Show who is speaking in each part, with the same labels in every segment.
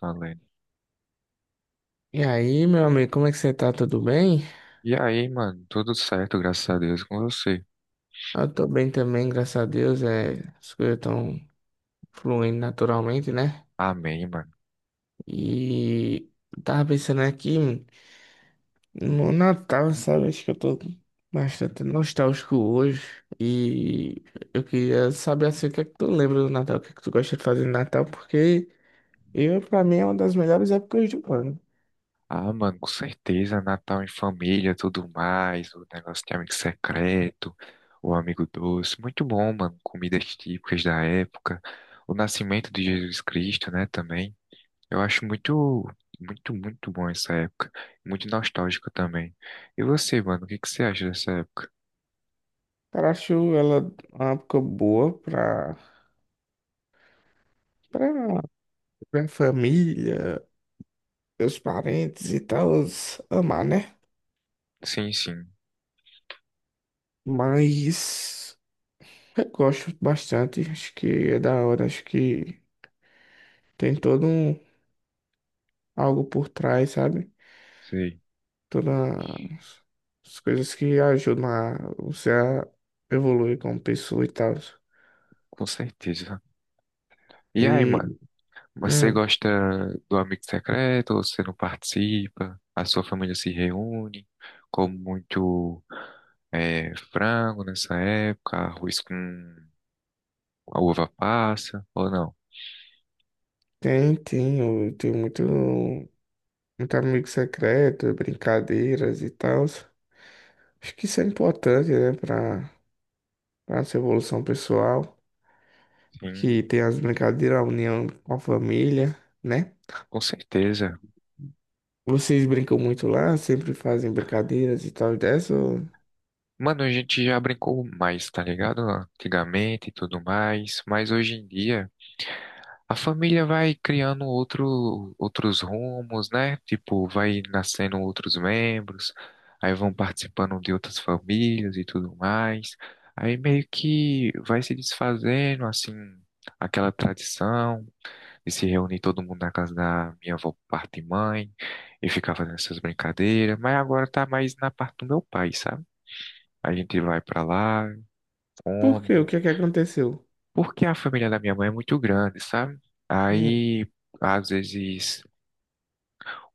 Speaker 1: Valendo.
Speaker 2: E aí, meu amigo, como é que você tá? Tudo bem?
Speaker 1: E aí, mano, tudo certo, graças a Deus, com você.
Speaker 2: Eu tô bem também, graças a Deus. As coisas estão fluindo naturalmente, né?
Speaker 1: Amém, mano.
Speaker 2: E eu tava pensando aqui no Natal, sabe? Acho que eu tô bastante nostálgico hoje. E eu queria saber assim, o que é que tu lembra do Natal, o que é que tu gosta de fazer no Natal, porque eu, pra mim, é uma das melhores épocas do ano.
Speaker 1: Ah, mano, com certeza, Natal em família, tudo mais, o negócio de amigo secreto, o amigo doce, muito bom, mano, comidas típicas da época, o nascimento de Jesus Cristo, né, também. Eu acho muito, muito, muito bom essa época, muito nostálgico também. E você, mano, o que que você acha dessa época?
Speaker 2: Cara, acho ela uma época boa pra, pra família. Meus parentes e tal amar, né?
Speaker 1: Sim, sim,
Speaker 2: Mas eu gosto bastante, acho que é da hora, acho que tem todo um algo por trás, sabe?
Speaker 1: sei,
Speaker 2: Todas as coisas que ajudam a você a evoluir como pessoa e tal.
Speaker 1: com certeza. E aí,
Speaker 2: E
Speaker 1: mano? Mas você
Speaker 2: hum,
Speaker 1: gosta do Amigo Secreto ou você não participa? A sua família se reúne, come muito frango nessa época, arroz com a uva passa, ou não?
Speaker 2: tem, eu tenho muito, muito amigo secreto, brincadeiras e tal. Acho que isso é importante, né, para nossa evolução pessoal.
Speaker 1: Sim,
Speaker 2: Que tem as brincadeiras, a união com a família, né?
Speaker 1: com certeza.
Speaker 2: Vocês brincam muito lá, sempre fazem brincadeiras e tal e dessa, ou...
Speaker 1: Mano, a gente já brincou mais, tá ligado? Antigamente e tudo mais, mas hoje em dia. A família vai criando outros rumos, né? Tipo, vai nascendo outros membros, aí vão participando de outras famílias e tudo mais. Aí meio que vai se desfazendo, assim, aquela tradição de se reunir todo mundo na casa da minha avó por parte de mãe e ficar fazendo essas brincadeiras. Mas agora tá mais na parte do meu pai, sabe? A gente vai pra lá,
Speaker 2: Por quê? O
Speaker 1: come.
Speaker 2: que é que aconteceu?
Speaker 1: Porque a família da minha mãe é muito grande, sabe?
Speaker 2: Hum.
Speaker 1: Aí, às vezes,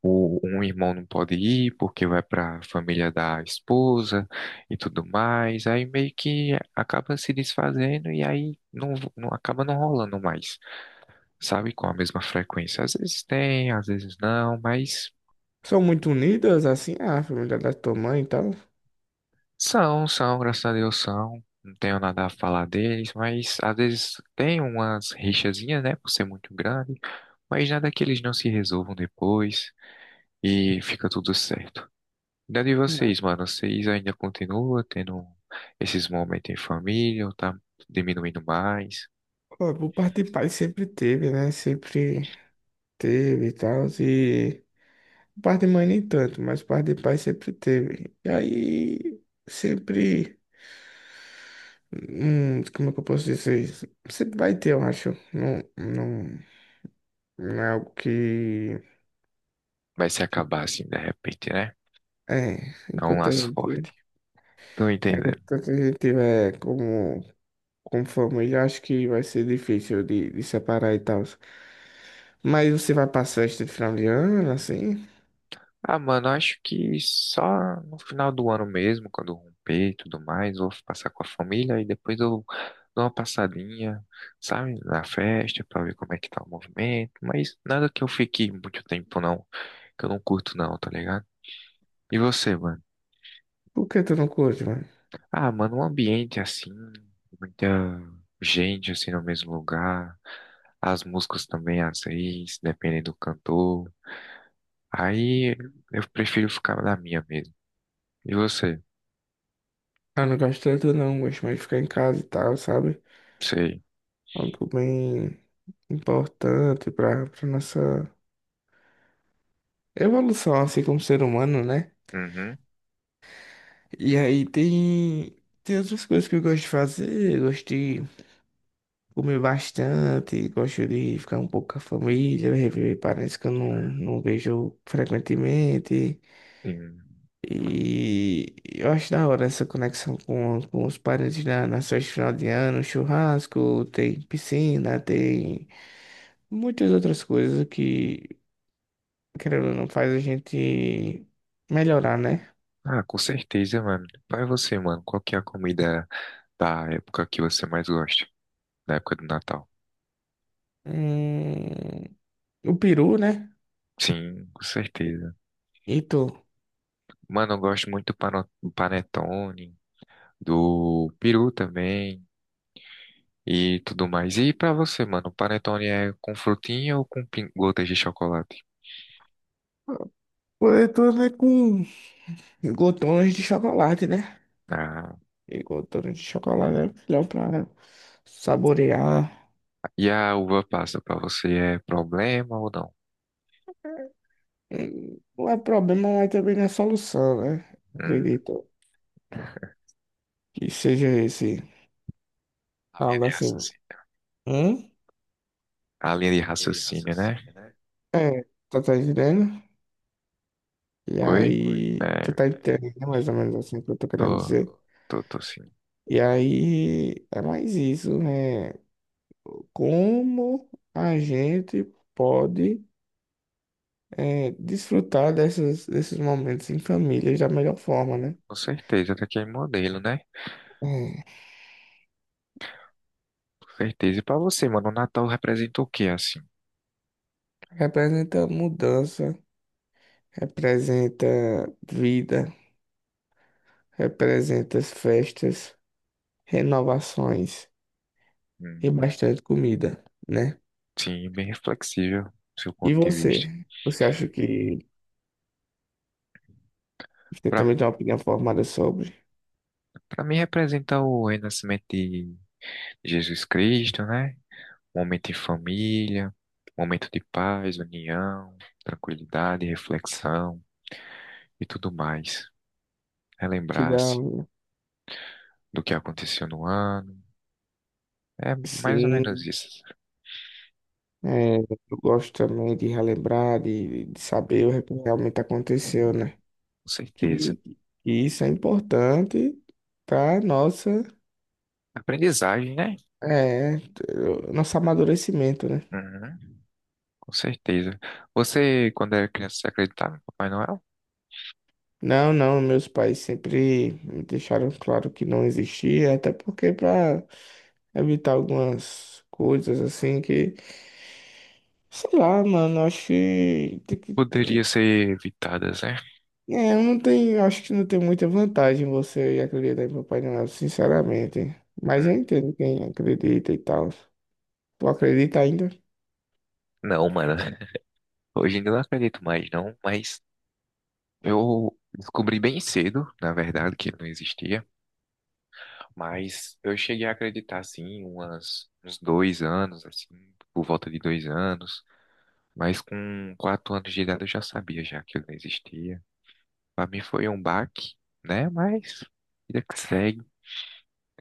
Speaker 1: um irmão não pode ir porque vai para a família da esposa e tudo mais. Aí meio que acaba se desfazendo e aí não, não acaba não rolando mais, sabe? Com a mesma frequência. Às vezes tem, às vezes não, mas
Speaker 2: São muito unidas, assim, a família da tua mãe e tal?
Speaker 1: são, são, graças a Deus são. Não tenho nada a falar deles, mas às vezes tem umas rixazinhas, né? Por ser muito grande, mas nada que eles não se resolvam depois. E fica tudo certo. E de
Speaker 2: Não.
Speaker 1: vocês, mano, vocês ainda continuam tendo esses momentos em família ou tá diminuindo mais?
Speaker 2: Pô, por parte de pai sempre teve, né? Sempre teve e tal, e... por parte de mãe nem tanto, mas por parte de pai sempre teve. E aí, sempre... como é que eu posso dizer isso? Sempre vai ter, eu acho. Não, não, não é algo que...
Speaker 1: Vai se acabar assim de repente, né?
Speaker 2: É,
Speaker 1: É um laço forte. Tô entendendo.
Speaker 2: enquanto a gente tiver como, como família, acho que vai ser difícil de separar e tal. Mas você vai pra festa de final de ano, assim?
Speaker 1: Ah, mano, acho que só no final do ano mesmo, quando romper e tudo mais, vou passar com a família e depois eu dou uma passadinha, sabe, na festa pra ver como é que tá o movimento, mas nada que eu fique muito tempo não, que eu não curto não, tá ligado? E você, mano?
Speaker 2: Por que tu não curte, mano?
Speaker 1: Ah, mano, um ambiente assim, muita gente assim no mesmo lugar, as músicas também às vezes, dependendo do cantor. Aí eu prefiro ficar na minha mesmo. E você?
Speaker 2: Ah, não gosto tanto não, gosto mais de ficar em casa e tal, sabe?
Speaker 1: Sei.
Speaker 2: Algo bem importante pra, pra nossa evolução, assim, como ser humano, né?
Speaker 1: Uhum.
Speaker 2: E aí tem, tem outras coisas que eu gosto de fazer, eu gosto de... Comi bastante, gosto de ficar um pouco com a família, rever parentes que eu não, não vejo frequentemente.
Speaker 1: Sim.
Speaker 2: E eu acho da hora essa conexão com os parentes na, nas festas de final de ano, churrasco, tem piscina, tem muitas outras coisas que, querendo ou não, faz a gente melhorar, né?
Speaker 1: Ah, com certeza, mano. Vai você, mano. Qual que é a comida da época que você mais gosta? Da época do Natal?
Speaker 2: Hum, o peru, né?
Speaker 1: Sim, com certeza.
Speaker 2: E tu?
Speaker 1: Mano, eu gosto muito do panetone, do peru também. E tudo mais. E pra você, mano, panetone é com frutinha ou com gotas de chocolate?
Speaker 2: Pô, eu tô, né, com glotões de chocolate, né?
Speaker 1: Ah,
Speaker 2: Igual torre de chocolate é melhor pra saborear.
Speaker 1: e a uva passa pra você é problema ou não?
Speaker 2: É. Não é problema, mas também não é solução, né?
Speaker 1: Hum,
Speaker 2: Acredito que seja esse.
Speaker 1: a linha
Speaker 2: Algo
Speaker 1: de
Speaker 2: assim.
Speaker 1: raciocínio.
Speaker 2: Hum?
Speaker 1: A linha de raciocínio, né?
Speaker 2: É, tu tá entendendo? E
Speaker 1: Oi?
Speaker 2: aí, tu
Speaker 1: É,
Speaker 2: tá entendendo mais ou menos assim o que eu tô querendo
Speaker 1: tô,
Speaker 2: dizer.
Speaker 1: tô, tô sim.
Speaker 2: E aí, é mais isso, né? Como a gente pode desfrutar dessas, desses momentos em família da melhor forma, né?
Speaker 1: Com certeza, tá aqui é modelo, né?
Speaker 2: É.
Speaker 1: Com certeza. E pra você, mano, o Natal representa o quê, assim?
Speaker 2: Representa mudança, representa vida, representa as festas, renovações e
Speaker 1: Hum,
Speaker 2: bastante comida, né?
Speaker 1: sim, bem reflexível, do seu
Speaker 2: E
Speaker 1: ponto de
Speaker 2: você?
Speaker 1: vista.
Speaker 2: Você acha que você
Speaker 1: Pra,
Speaker 2: também tem uma opinião formada sobre?
Speaker 1: pra mim representa o renascimento de Jesus Cristo, né? Momento em família, momento de paz, união, tranquilidade, reflexão e tudo mais.
Speaker 2: Que dá,
Speaker 1: Relembrar-se do que aconteceu no ano. É mais ou menos
Speaker 2: sim,
Speaker 1: isso,
Speaker 2: é, eu gosto também de relembrar, de saber o que realmente aconteceu, né?
Speaker 1: com certeza.
Speaker 2: Que, que isso é importante para nossa,
Speaker 1: Aprendizagem, né?
Speaker 2: é, nosso amadurecimento, né?
Speaker 1: Uhum, com certeza. Você, quando era criança, você acreditava em Papai Noel?
Speaker 2: Não, não, meus pais sempre me deixaram claro que não existia, até porque para evitar algumas coisas assim que, sei lá, mano, acho que, tem
Speaker 1: Poderia
Speaker 2: que...
Speaker 1: ser evitadas, né?
Speaker 2: eu não tenho, acho que não tem muita vantagem você acreditar em Papai Noel, sinceramente. Mas eu
Speaker 1: Hum,
Speaker 2: entendo quem acredita e tal. Tu acredita ainda?
Speaker 1: não, mano. Hoje ainda não acredito mais, não. Mas eu descobri bem cedo, na verdade, que ele não existia. Mas eu cheguei a acreditar, assim, umas, uns 2 anos, assim, por volta de 2 anos. Mas com 4 anos de idade eu já sabia já que ele não existia. Para mim foi um baque, né? Mas vida que segue.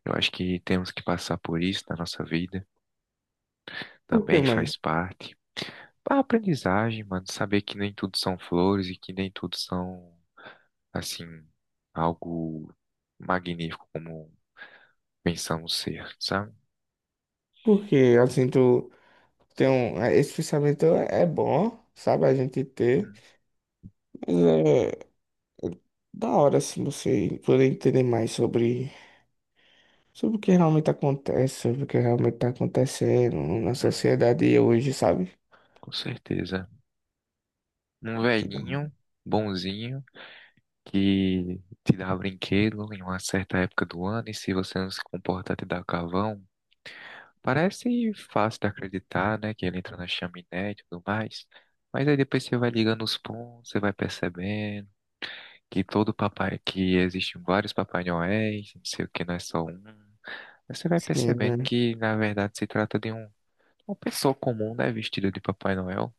Speaker 1: Eu acho que temos que passar por isso na nossa vida.
Speaker 2: Por quê,
Speaker 1: Também
Speaker 2: mano?
Speaker 1: faz parte. A aprendizagem, mano, saber que nem tudo são flores e que nem tudo são, assim, algo magnífico como pensamos ser, sabe?
Speaker 2: Porque assim, tu tem um, é, esse pensamento é bom, sabe, a gente ter. Da hora se você poder entender mais sobre, sobre o que realmente acontece, sobre o que realmente está acontecendo na
Speaker 1: Hum,
Speaker 2: sociedade hoje, sabe?
Speaker 1: com certeza. Um
Speaker 2: Que da...
Speaker 1: velhinho, bonzinho, que te dá brinquedo em uma certa época do ano, e se você não se comportar, te dá carvão. Parece fácil de acreditar, né? Que ele entra na chaminé e tudo mais. Mas aí depois você vai ligando os pontos, você vai percebendo que todo papai, que existem vários Papai Noéis, não sei o que, não é só um. Aí você vai percebendo
Speaker 2: Sim,
Speaker 1: que, na verdade, se trata de um, uma pessoa comum, né? Vestida de Papai Noel.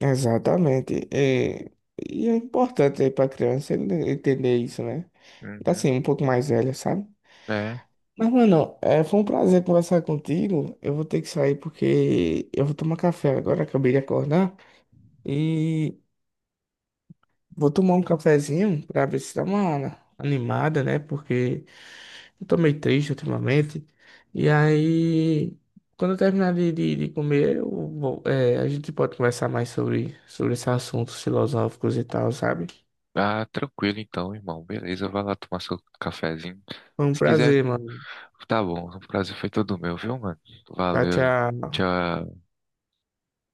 Speaker 2: exatamente. É, e é importante para a criança ele entender isso, né? Tá
Speaker 1: Uhum.
Speaker 2: assim, um pouco mais velha, sabe?
Speaker 1: É.
Speaker 2: Mas, mano, é, foi um prazer conversar contigo. Eu vou ter que sair porque eu vou tomar café agora, acabei de acordar. E vou tomar um cafezinho pra ver se dá uma animada, né? Porque... eu tô meio triste ultimamente. E aí, quando eu terminar de comer, eu vou... é, a gente pode conversar mais sobre, sobre esses assuntos filosóficos e tal, sabe?
Speaker 1: Ah, tranquilo então, irmão. Beleza, vai lá tomar seu cafezinho.
Speaker 2: Foi um
Speaker 1: Se quiser,
Speaker 2: prazer, mano.
Speaker 1: tá bom. O prazer foi todo meu, viu, mano?
Speaker 2: Tchau,
Speaker 1: Valeu.
Speaker 2: tchau.
Speaker 1: Tchau.